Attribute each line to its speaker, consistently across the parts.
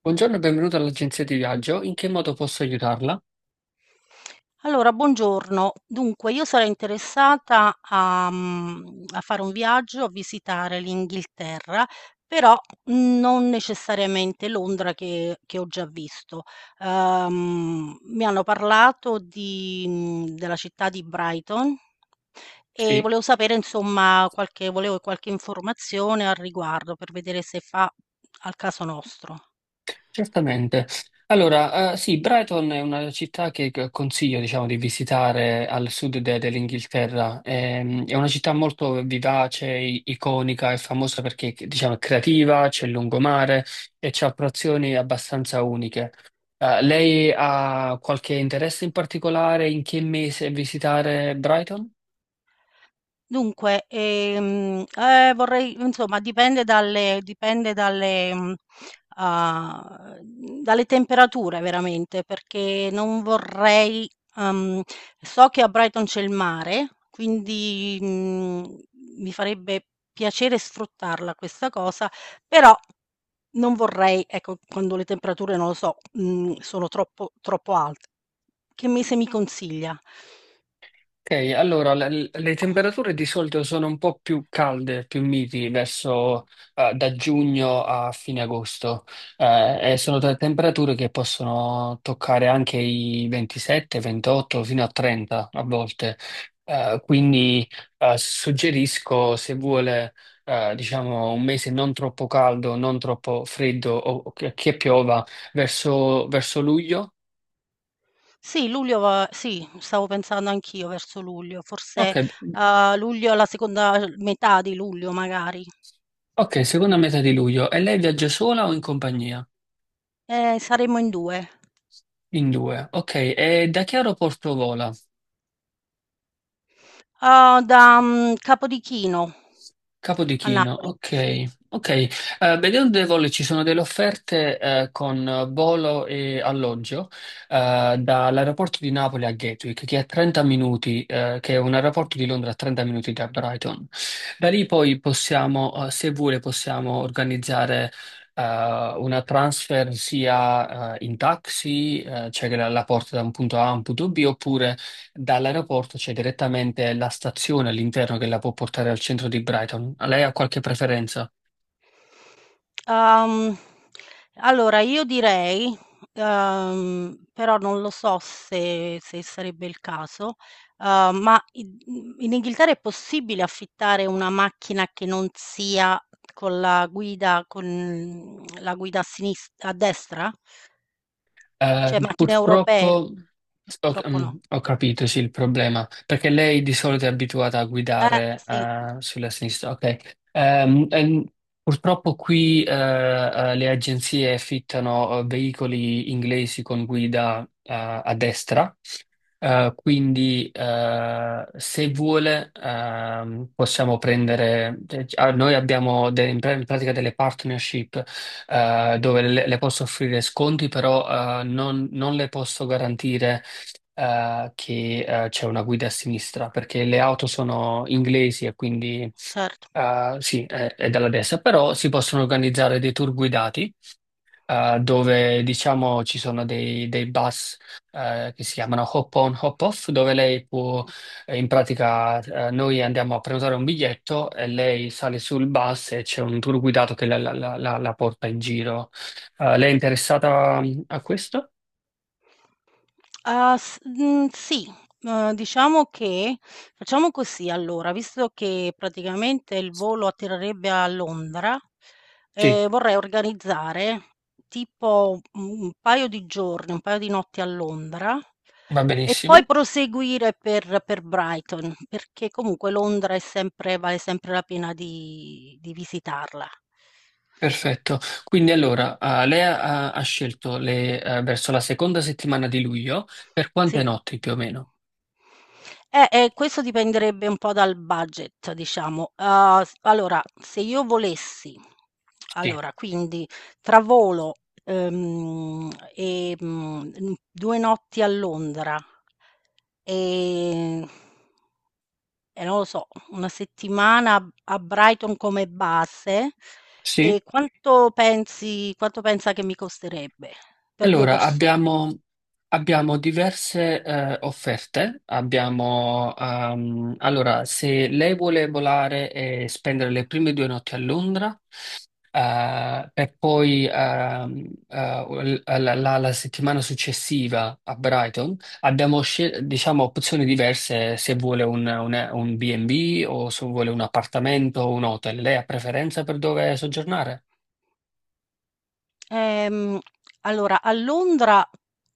Speaker 1: Buongiorno e benvenuto all'agenzia di viaggio. In che modo posso aiutarla?
Speaker 2: Allora, buongiorno. Dunque, io sarei interessata a a fare un viaggio, a visitare l'Inghilterra, però non necessariamente Londra che ho già visto. Mi hanno parlato della città di Brighton e
Speaker 1: Sì,
Speaker 2: volevo sapere insomma qualche informazione al riguardo per vedere se fa al caso nostro.
Speaker 1: certamente. Allora, sì, Brighton è una città che consiglio, diciamo, di visitare al sud dell'Inghilterra. È una città molto vivace, iconica, è famosa perché, diciamo, è creativa, c'è il lungomare e c'ha attrazioni abbastanza uniche. Lei ha qualche interesse in particolare in che mese visitare Brighton?
Speaker 2: Dunque, vorrei insomma dipende dalle temperature veramente, perché non vorrei. uhm, so che a Brighton c'è il mare, quindi, mi farebbe piacere sfruttarla questa cosa, però non vorrei, ecco, quando le temperature, non lo so, sono troppo alte. Che mese mi consiglia?
Speaker 1: Ok, allora le temperature di solito sono un po' più calde, più miti verso da giugno a fine agosto. E sono temperature che possono toccare anche i 27, 28 fino a 30 a volte. Eh, quindi Suggerisco, se vuole diciamo, un mese non troppo caldo, non troppo freddo o che piova verso luglio.
Speaker 2: Sì, luglio va. Sì, stavo pensando anch'io verso luglio,
Speaker 1: Ok.
Speaker 2: forse, luglio la seconda metà di luglio magari.
Speaker 1: Ok, seconda metà di luglio. E lei viaggia sola o in compagnia?
Speaker 2: Saremmo in 2.
Speaker 1: In due. Ok, e da che aeroporto vola?
Speaker 2: Da Capodichino
Speaker 1: Capo di
Speaker 2: a
Speaker 1: Chino,
Speaker 2: Napoli, sì.
Speaker 1: ok. Ok. Vedendo dei voli, ci sono delle offerte con volo e alloggio dall'aeroporto di Napoli a Gatwick, che è a 30 minuti, che è un aeroporto di Londra a 30 minuti da Brighton. Da lì poi possiamo, se vuole, possiamo organizzare una transfer sia in taxi, cioè che la porta da un punto A a un punto B, oppure dall'aeroporto c'è direttamente la stazione all'interno che la può portare al centro di Brighton. Lei ha qualche preferenza?
Speaker 2: Uhm, allora io direi, però non lo so se sarebbe il caso, ma in Inghilterra è possibile affittare una macchina che non sia con la guida a destra? Cioè macchine
Speaker 1: Purtroppo
Speaker 2: europee?
Speaker 1: ho,
Speaker 2: Purtroppo no.
Speaker 1: ho capito, sì, il problema, perché lei di solito è abituata a guidare
Speaker 2: Sì,
Speaker 1: sulla sinistra, ok. Purtroppo qui le agenzie affittano veicoli inglesi con guida a destra. Quindi, se vuole, possiamo prendere. Cioè, ah, noi abbiamo in pratica delle partnership, dove le posso offrire sconti, però, non le posso garantire, che, c'è una guida a sinistra, perché le auto sono inglesi e quindi,
Speaker 2: cer
Speaker 1: sì, è dalla destra, però si possono organizzare dei tour guidati dove diciamo ci sono dei bus che si chiamano hop on, hop off, dove lei può, in pratica, noi andiamo a prenotare un biglietto e lei sale sul bus e c'è un tour guidato che la porta in giro. Lei è interessata, a questo?
Speaker 2: Ah, sì. Diciamo che facciamo così allora, visto che praticamente il volo atterrerebbe a Londra,
Speaker 1: Sì,
Speaker 2: vorrei organizzare tipo, un paio di giorni, un paio di notti a Londra
Speaker 1: va
Speaker 2: e poi
Speaker 1: benissimo.
Speaker 2: proseguire per Brighton, perché comunque Londra è sempre vale sempre la pena di visitarla.
Speaker 1: Perfetto, quindi allora lei ha scelto verso la seconda settimana di luglio per quante
Speaker 2: Sì.
Speaker 1: notti più o meno?
Speaker 2: Questo dipenderebbe un po' dal budget, diciamo. S allora se io volessi
Speaker 1: Sì.
Speaker 2: allora quindi tra volo, e, 2 notti a Londra, ehm, e non lo so, 1 settimana a Brighton come base,
Speaker 1: Sì?
Speaker 2: quanto pensa che mi costerebbe per 2
Speaker 1: Allora,
Speaker 2: persone?
Speaker 1: abbiamo diverse offerte. Abbiamo, allora, se lei vuole volare e spendere le prime due notti a Londra, e poi la, la settimana successiva a Brighton, abbiamo diciamo, opzioni diverse se vuole un B&B o se vuole un appartamento o un hotel. Lei ha preferenza per dove soggiornare?
Speaker 2: Ehm, allora a Londra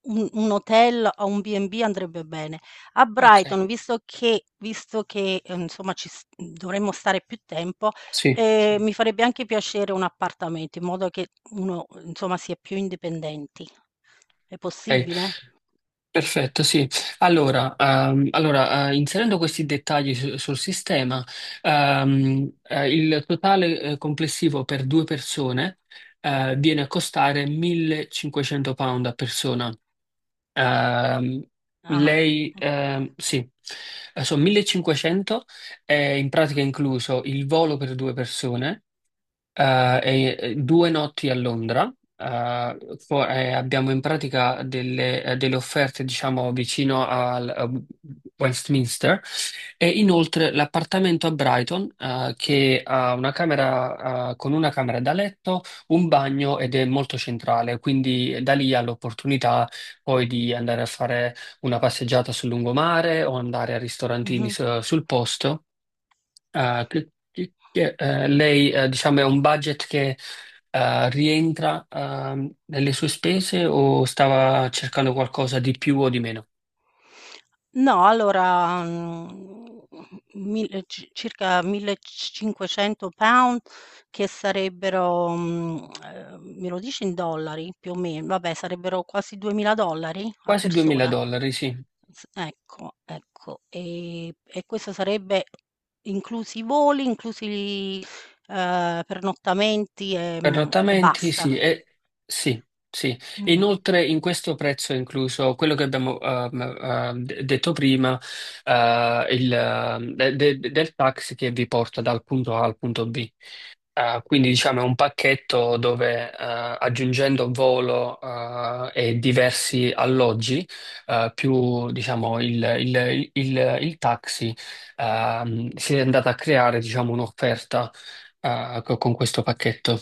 Speaker 2: un hotel o un B&B andrebbe bene. A
Speaker 1: Ok,
Speaker 2: Brighton, visto che insomma ci s dovremmo stare più tempo,
Speaker 1: sì.
Speaker 2: sì. Mi farebbe anche piacere un appartamento, in modo che uno, insomma, si è più indipendenti. È
Speaker 1: Ok.
Speaker 2: possibile?
Speaker 1: Perfetto, sì. Allora, inserendo questi dettagli sul sistema, il totale, complessivo per due persone, viene a costare 1500 pound a persona. Ehm,
Speaker 2: Ah.
Speaker 1: Lei, sì. Sono 1500, è in pratica incluso il volo per due persone, due notti a Londra, abbiamo in pratica delle offerte, diciamo, vicino al a Westminster, e inoltre l'appartamento a Brighton, che ha una camera, con una camera da letto, un bagno, ed è molto centrale, quindi da lì ha l'opportunità poi di andare a fare una passeggiata sul lungomare o andare a ristorantini
Speaker 2: Mh-mh.
Speaker 1: sul posto. Lei, diciamo, è un budget che rientra, nelle sue spese, o stava cercando qualcosa di più o di meno?
Speaker 2: No, allora, mhmm, mil ci circa 1.500 £, che sarebbero, me lo dici in dollari? Più o men vabbè, sarebbero quasi 2.000 $ a
Speaker 1: Quasi 2000
Speaker 2: persona.
Speaker 1: dollari, sì.
Speaker 2: S ecco, ecco. E questo sarebbe inclusi i voli, inclusi, pernottamenti, e
Speaker 1: Pernottamenti,
Speaker 2: basta.
Speaker 1: sì, e, sì, sì. E
Speaker 2: Mh.
Speaker 1: inoltre, in questo prezzo è incluso quello che abbiamo, detto prima, del taxi che vi porta dal punto A al punto B. Quindi diciamo è un pacchetto dove aggiungendo volo e diversi alloggi, più diciamo il taxi, si è andata a creare, diciamo, un'offerta con questo pacchetto.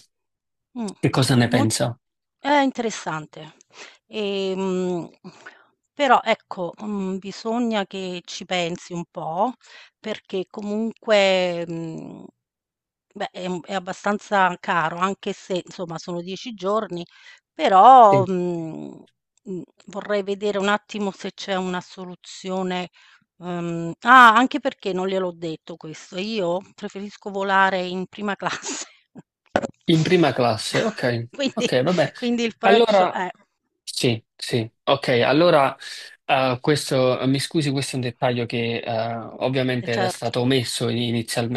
Speaker 2: Mh.
Speaker 1: Che cosa ne
Speaker 2: È mol
Speaker 1: pensa?
Speaker 2: è interessante. Ehm, però ecco, bisogna che ci pensi un po', perché comunque, beh, è abbastanza caro, anche se insomma sono 10 giorni, però,
Speaker 1: Sì.
Speaker 2: mhmm, vorrei vedere un attimo se c'è una soluzione, ah, anche perché non gliel'ho detto questo, io preferisco volare in prima classe.
Speaker 1: In prima classe, ok,
Speaker 2: Quindi
Speaker 1: ok, vabbè.
Speaker 2: quindi il prezzo
Speaker 1: Allora,
Speaker 2: eh,
Speaker 1: sì, sì, ok, allora questo, mi scusi, questo è un dettaglio che,
Speaker 2: Eh,
Speaker 1: ovviamente era
Speaker 2: certo.
Speaker 1: stato omesso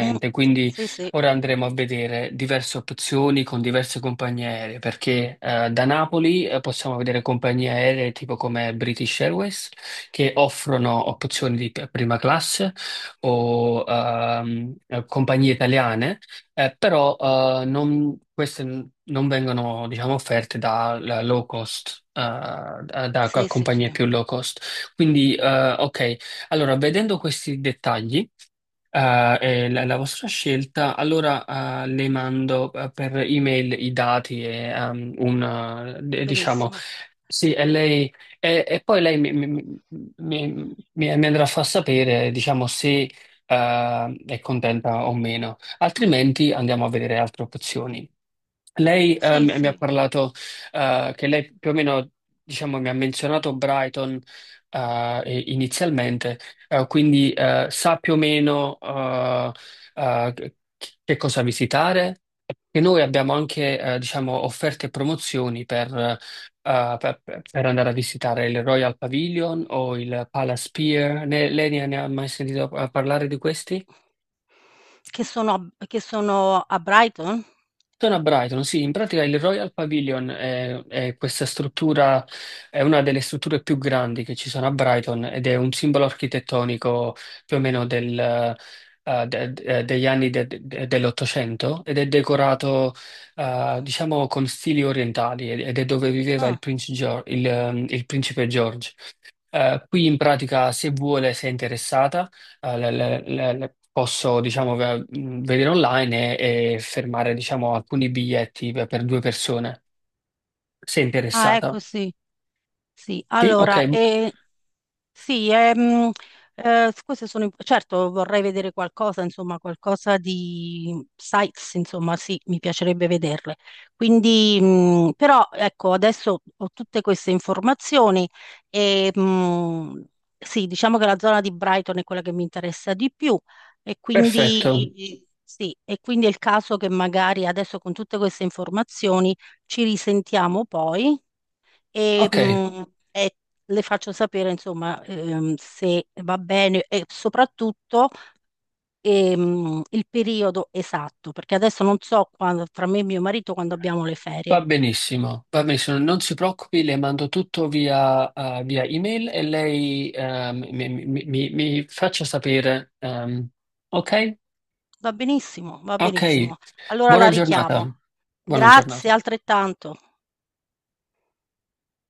Speaker 2: Mh,
Speaker 1: quindi
Speaker 2: sì, sì.
Speaker 1: ora andremo a vedere diverse opzioni con diverse compagnie aeree, perché da Napoli possiamo vedere compagnie aeree tipo come British Airways, che offrono opzioni di prima classe, o compagnie italiane. Però queste non vengono, diciamo, offerte da low cost, da
Speaker 2: Sì, sì,
Speaker 1: compagnie
Speaker 2: sì.
Speaker 1: più low cost. Quindi, ok, allora, vedendo questi dettagli, è la vostra scelta, allora le mando, per email, i dati e diciamo,
Speaker 2: Benissimo.
Speaker 1: sì, e lei, e poi lei mi andrà a far sapere, diciamo, se è contenta o meno, altrimenti andiamo a vedere altre opzioni. Lei,
Speaker 2: Sì,
Speaker 1: mi ha
Speaker 2: sì.
Speaker 1: parlato, che lei più o meno, diciamo, mi ha menzionato Brighton, inizialmente, quindi sa più o meno eh, che che cosa visitare. E noi abbiamo anche, diciamo, offerte e promozioni per, per- per andare a visitare il Royal Pavilion o il Palace Pier. Lei ne ha mai sentito, parlare di questi?
Speaker 2: Che sono a Brighton?
Speaker 1: Sono a Brighton, sì, in pratica il Royal Pavilion è questa struttura, è una delle strutture più grandi che ci sono a Brighton ed è un simbolo architettonico più o meno del, degli anni dell'Ottocento, ed è decorato, diciamo, con stili orientali, ed è dove viveva
Speaker 2: Ah.
Speaker 1: Prince il principe George. Qui in pratica, se vuole, se è interessata, le posso, diciamo, vedere online e fermare, diciamo, alcuni biglietti per due persone. Se è
Speaker 2: Ah, ecco
Speaker 1: interessata.
Speaker 2: sì. Sì,
Speaker 1: Sì? Ok,
Speaker 2: allora, sì, certo vorrei vedere qualcosa, insomma, qualcosa di sites, insomma, sì, mi piacerebbe vederle. Quindi, però, ecco, adesso ho tutte queste informazioni e, mh, sì, diciamo che la zona di Brighton è quella che mi interessa di più e
Speaker 1: perfetto.
Speaker 2: quindi, sì, e quindi è il caso che magari adesso con tutte queste informazioni ci risentiamo poi e,
Speaker 1: Ok,
Speaker 2: mh, e le faccio sapere, insomma, se va bene e soprattutto il periodo esatto, perché adesso non so quando, tra me e mio marito, quando abbiamo le ferie.
Speaker 1: va benissimo, va benissimo. Non si preoccupi, le mando tutto via, via email, e lei, mi faccia sapere. Ehm, ok?
Speaker 2: Va benissimo, va
Speaker 1: Ok,
Speaker 2: benissimo. Allora la
Speaker 1: buona
Speaker 2: richiamo.
Speaker 1: giornata. Buona
Speaker 2: Grazie
Speaker 1: giornata.
Speaker 2: altrettanto.